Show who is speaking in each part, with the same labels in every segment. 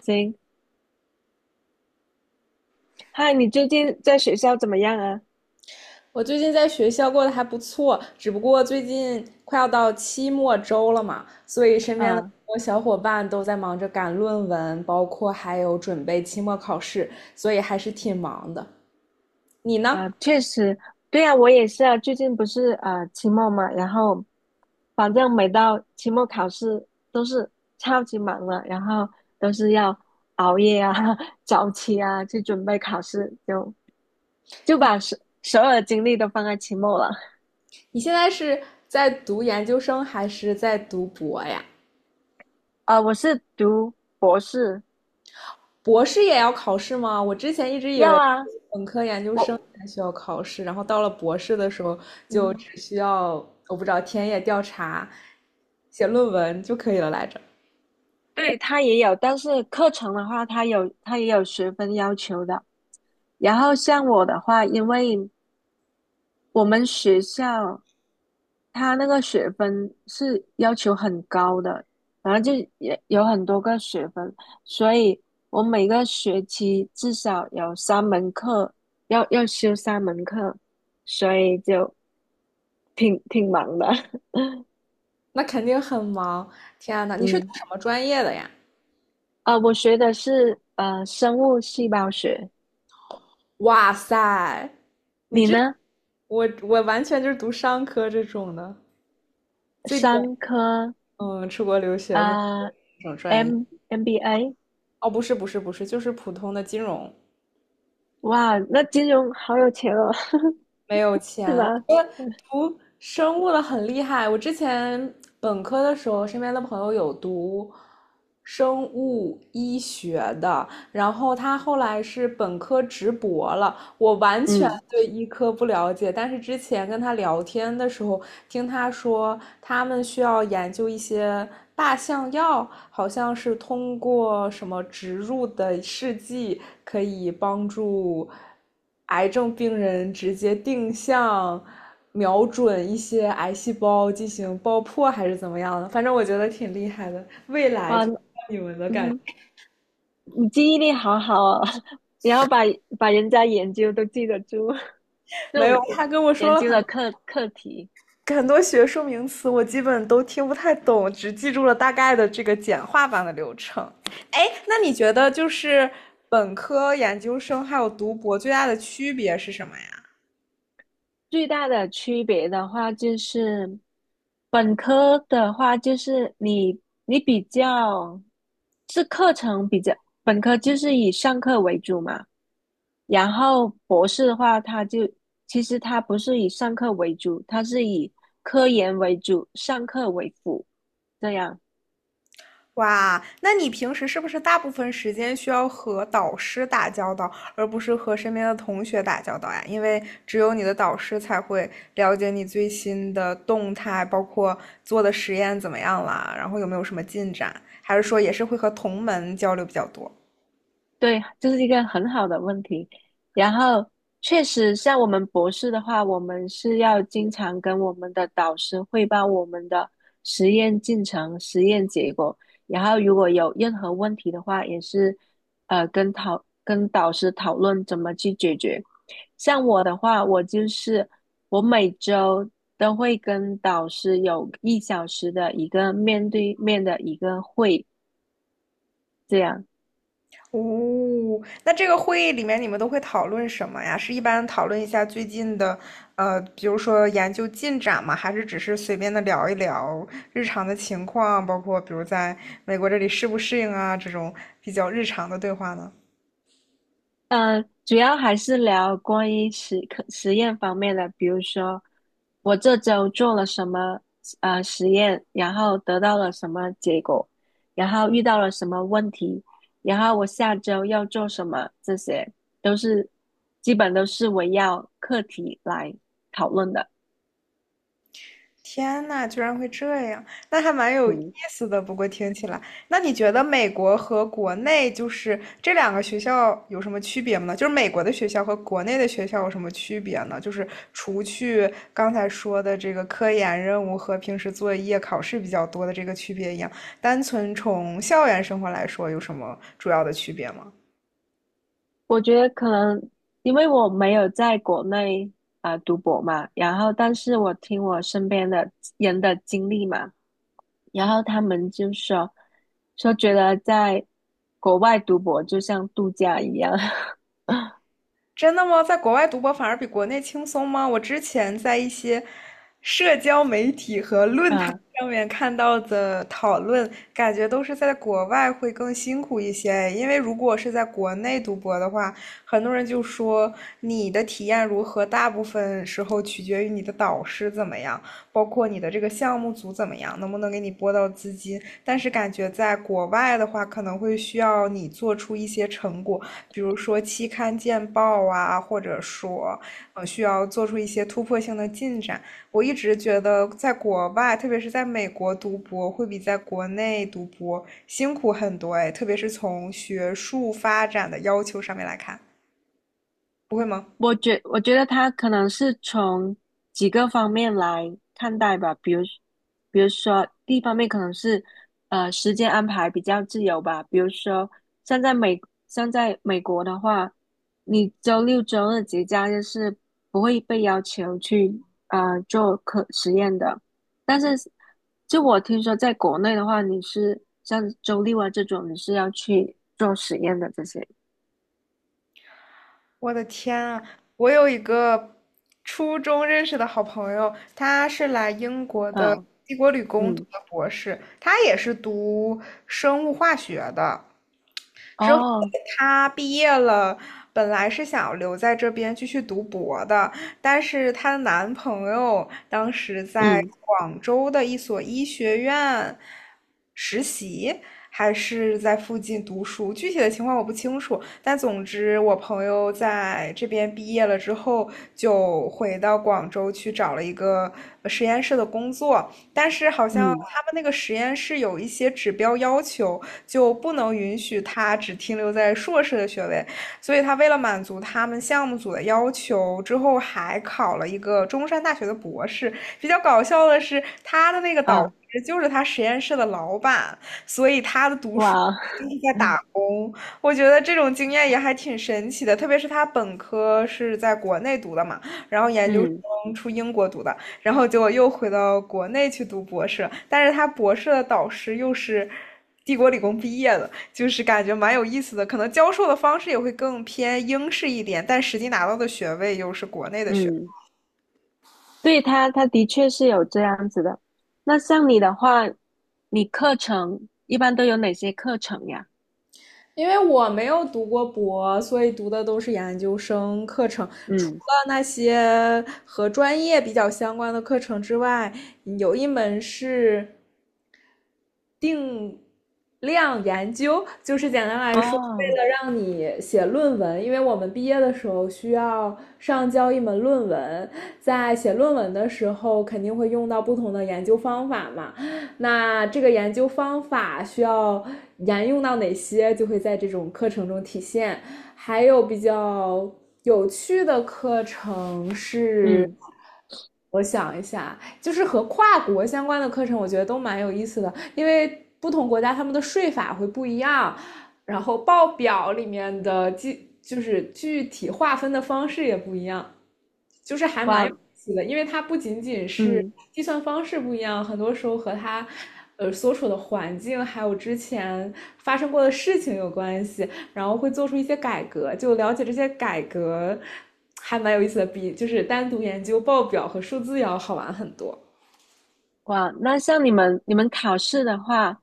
Speaker 1: 行，嗨，你最近在学校怎么样啊？
Speaker 2: 我最近在学校过得还不错，只不过最近快要到期末周了嘛，所以身边的
Speaker 1: 啊
Speaker 2: 小伙伴都在忙着赶论文，包括还有准备期末考试，所以还是挺忙的。你呢？
Speaker 1: 啊，确实，对啊，我也是啊。最近不是啊期末嘛，然后反正每到期末考试都是超级忙了，然后都是要熬夜啊、早起啊去准备考试，就把所有的精力都放在期末了。
Speaker 2: 你现在是在读研究生还是在读博呀？
Speaker 1: 啊，我是读博士，
Speaker 2: 博士也要考试吗？我之前一直以
Speaker 1: 要
Speaker 2: 为
Speaker 1: 啊，
Speaker 2: 本科、研究生
Speaker 1: 我
Speaker 2: 才需要考试，然后到了博士的时候就
Speaker 1: 嗯，
Speaker 2: 只需要，我不知道田野调查、写论文就可以了来着。
Speaker 1: 对，他也有，但是课程的话，他也有学分要求的。然后像我的话，因为我们学校它那个学分是要求很高的，然后就也有很多个学分，所以我每个学期至少有三门课要修三门课，所以就挺忙的。
Speaker 2: 那肯定很忙。天呐，你是读
Speaker 1: 嗯，
Speaker 2: 什么专业的呀？
Speaker 1: 啊，我学的是生物细胞学，
Speaker 2: 哇塞，
Speaker 1: 你呢？
Speaker 2: 我完全就是读商科这种的。最
Speaker 1: 商科
Speaker 2: 嗯，出国留学会
Speaker 1: 啊
Speaker 2: 这种专业？
Speaker 1: ，M MBA，
Speaker 2: 哦，不是不是不是，就是普通的金融，
Speaker 1: 哇，那金融好有钱哦，
Speaker 2: 没有
Speaker 1: 是
Speaker 2: 钱。我
Speaker 1: 吧？
Speaker 2: 觉得读生物的很厉害。我之前本科的时候，身边的朋友有读生物医学的，然后他后来是本科直博了，我完全
Speaker 1: 嗯，
Speaker 2: 对医科不了解，但是之前跟他聊天的时候，听他说他们需要研究一些靶向药，好像是通过什么植入的试剂可以帮助癌症病人直接定向瞄准一些癌细胞进行爆破，还是怎么样的？反正我觉得挺厉害的，未来
Speaker 1: 哇，
Speaker 2: 就。你们的
Speaker 1: 嗯
Speaker 2: 感觉
Speaker 1: 哼，你记忆力好好哦，然后把人家研究都记得住。那
Speaker 2: 没有，
Speaker 1: 种
Speaker 2: 他跟我说
Speaker 1: 研
Speaker 2: 了
Speaker 1: 究的课题。
Speaker 2: 很多学术名词我基本都听不太懂，只记住了大概的这个简化版的流程。哎，那你觉得就是本科、研究生还有读博最大的区别是什么呀？
Speaker 1: 最大的区别的话，就是本科的话，就是你比较是课程比较，本科就是以上课为主嘛，然后博士的话，它就其实它不是以上课为主，它是以科研为主，上课为辅这样。
Speaker 2: 哇，那你平时是不是大部分时间需要和导师打交道，而不是和身边的同学打交道呀？因为只有你的导师才会了解你最新的动态，包括做的实验怎么样啦，然后有没有什么进展，还是说也是会和同门交流比较多？
Speaker 1: 对，这是一个很好的问题。然后，确实，像我们博士的话，我们是要经常跟我们的导师汇报我们的实验进程、实验结果。然后，如果有任何问题的话，也是跟导师讨论怎么去解决。像我的话，我就是我每周都会跟导师有一小时的一个面对面的一个会，这样。
Speaker 2: 哦，那这个会议里面你们都会讨论什么呀？是一般讨论一下最近的，比如说研究进展吗？还是只是随便的聊一聊日常的情况，包括比如在美国这里适不适应啊，这种比较日常的对话呢？
Speaker 1: 主要还是聊关于实验方面的，比如说我这周做了什么实验，然后得到了什么结果，然后遇到了什么问题，然后我下周要做什么，这些都是基本都是围绕课题来讨论的。
Speaker 2: 天呐，居然会这样，那还蛮有意
Speaker 1: 嗯，
Speaker 2: 思的。不过听起来，那你觉得美国和国内就是这两个学校有什么区别吗？就是美国的学校和国内的学校有什么区别呢？就是除去刚才说的这个科研任务和平时作业、考试比较多的这个区别一样，单纯从校园生活来说，有什么主要的区别吗？
Speaker 1: 我觉得可能因为我没有在国内啊、读博嘛，然后但是我听我身边的人的经历嘛。然后他们就说觉得在国外读博就像度假一样，
Speaker 2: 真的吗？在国外读博反而比国内轻松吗？我之前在一些社交媒体和论坛
Speaker 1: 嗯
Speaker 2: 上面看到的讨论，感觉都是在国外会更辛苦一些。因为如果是在国内读博的话，很多人就说你的体验如何，大部分时候取决于你的导师怎么样，包括你的这个项目组怎么样，能不能给你拨到资金。但是感觉在国外的话，可能会需要你做出一些成果，比如说期刊见报啊，或者说，需要做出一些突破性的进展。我一直觉得，在国外，特别是在美国读博，会比在国内读博辛苦很多哎，特别是从学术发展的要求上面来看，不会吗？
Speaker 1: 我觉得他可能是从几个方面来看待吧，比如说第一方面可能是时间安排比较自由吧，比如说像在美像在美国的话，你周六周日节假日是不会被要求去啊做科实验的，但是就我听说在国内的话，你是像周六啊这种你是要去做实验的这些，
Speaker 2: 我的天啊，我有一个初中认识的好朋友，他是来英国的
Speaker 1: 嗯
Speaker 2: 帝国理工读
Speaker 1: 嗯
Speaker 2: 的博士，他也是读生物化学的。
Speaker 1: 哦
Speaker 2: 她毕业了，本来是想留在这边继续读博的，但是她的男朋友当时在
Speaker 1: 嗯
Speaker 2: 广州的一所医学院实习，还是在附近读书，具体的情况我不清楚。但总之，我朋友在这边毕业了之后，就回到广州去找了一个实验室的工作。但是好像
Speaker 1: 嗯。
Speaker 2: 他们那个实验室有一些指标要求，就不能允许他只停留在硕士的学位，所以他为了满足他们项目组的要求，之后还考了一个中山大学的博士。比较搞笑的是，他的那个导
Speaker 1: 啊，
Speaker 2: 师就是他实验室的老板，所以他的读书。
Speaker 1: 哇，
Speaker 2: 就是在打工，我觉得这种经验也还挺神奇的，特别是他本科是在国内读的嘛，然后研究
Speaker 1: 嗯
Speaker 2: 生出英国读的，然后结果又回到国内去读博士，但是他博士的导师又是帝国理工毕业的，就是感觉蛮有意思的。可能教授的方式也会更偏英式一点，但实际拿到的学位又是国内的学位。
Speaker 1: 嗯，对他，他的确是有这样子的。那像你的话，你课程一般都有哪些课程呀？
Speaker 2: 因为我没有读过博，所以读的都是研究生课程。除了
Speaker 1: 嗯，
Speaker 2: 那些和专业比较相关的课程之外，有一门是定量研究，就是简单来说，为
Speaker 1: 哦，
Speaker 2: 了让你写论文，因为我们毕业的时候需要上交一门论文，在写论文的时候肯定会用到不同的研究方法嘛。那这个研究方法需要沿用到哪些，就会在这种课程中体现。还有比较有趣的课程是，
Speaker 1: 嗯，
Speaker 2: 我想一下，就是和跨国相关的课程，我觉得都蛮有意思的，因为不同国家他们的税法会不一样，然后报表里面的具就是具体划分的方式也不一样。就是还蛮
Speaker 1: 哇，
Speaker 2: 有意思的，因为它不仅仅是
Speaker 1: 嗯
Speaker 2: 计算方式不一样，很多时候和它所处的环境还有之前发生过的事情有关系，然后会做出一些改革，就了解这些改革还蛮有意思的，比就是单独研究报表和数字要好玩很多。
Speaker 1: 哇，那像你们考试的话，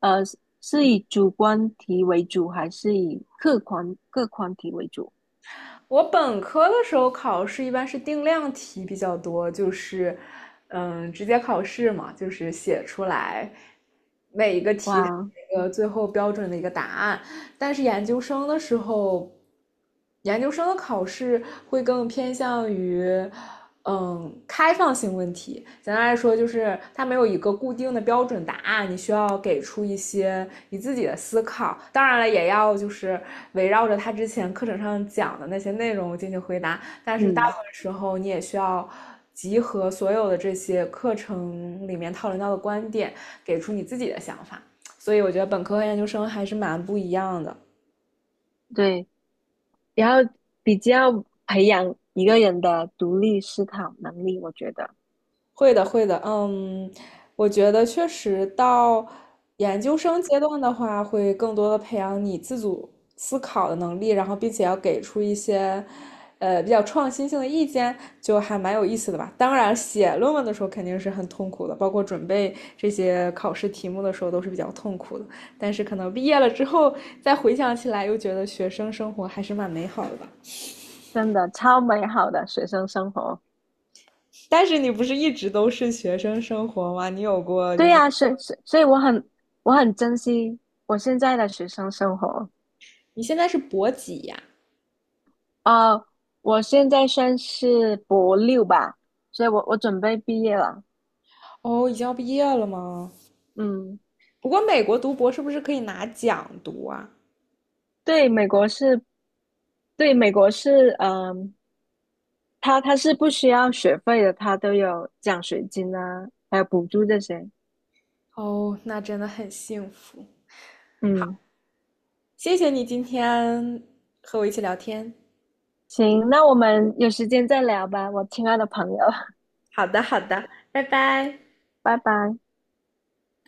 Speaker 1: 是以主观题为主，还是以客观题为主？
Speaker 2: 我本科的时候考试一般是定量题比较多，就是，嗯，直接考试嘛，就是写出来
Speaker 1: 哇，
Speaker 2: 个最后标准的一个答案。但是研究生的时候研究生的考试会更偏向于，嗯，开放性问题。简单来说，就是它没有一个固定的标准答案，你需要给出一些你自己的思考。当然了，也要就是围绕着他之前课程上讲的那些内容进行回答。但是大部
Speaker 1: 嗯，
Speaker 2: 分时候，你也需要集合所有的这些课程里面讨论到的观点，给出你自己的想法。所以我觉得本科和研究生还是蛮不一样的。
Speaker 1: 对，然后比较培养一个人的独立思考能力，我觉得。
Speaker 2: 会的，会的，嗯，我觉得确实到研究生阶段的话，会更多的培养你自主思考的能力，然后并且要给出一些，比较创新性的意见，就还蛮有意思的吧。当然，写论文的时候肯定是很痛苦的，包括准备这些考试题目的时候都是比较痛苦的。但是可能毕业了之后，再回想起来，又觉得学生生活还是蛮美好的吧。
Speaker 1: 真的超美好的学生生活。
Speaker 2: 但是你不是一直都是学生生活吗？你有过就
Speaker 1: 对
Speaker 2: 是
Speaker 1: 呀、所以我很我很珍惜我现在的学生生活。
Speaker 2: 你现在是博几呀？
Speaker 1: 呃，我现在算是博六吧，所以我准备毕业了。
Speaker 2: 哦，已经要毕业了吗？
Speaker 1: 嗯，
Speaker 2: 不过美国读博是不是可以拿奖读啊？
Speaker 1: 对，美国是，对，美国是，嗯、它是不需要学费的，它都有奖学金啊，还有补助这些。
Speaker 2: 哦，那真的很幸福。
Speaker 1: 嗯，
Speaker 2: 谢谢你今天和我一起聊天。
Speaker 1: 行，那我们有时间再聊吧，我亲爱的朋友，
Speaker 2: 好的，好的，拜拜。
Speaker 1: 拜拜。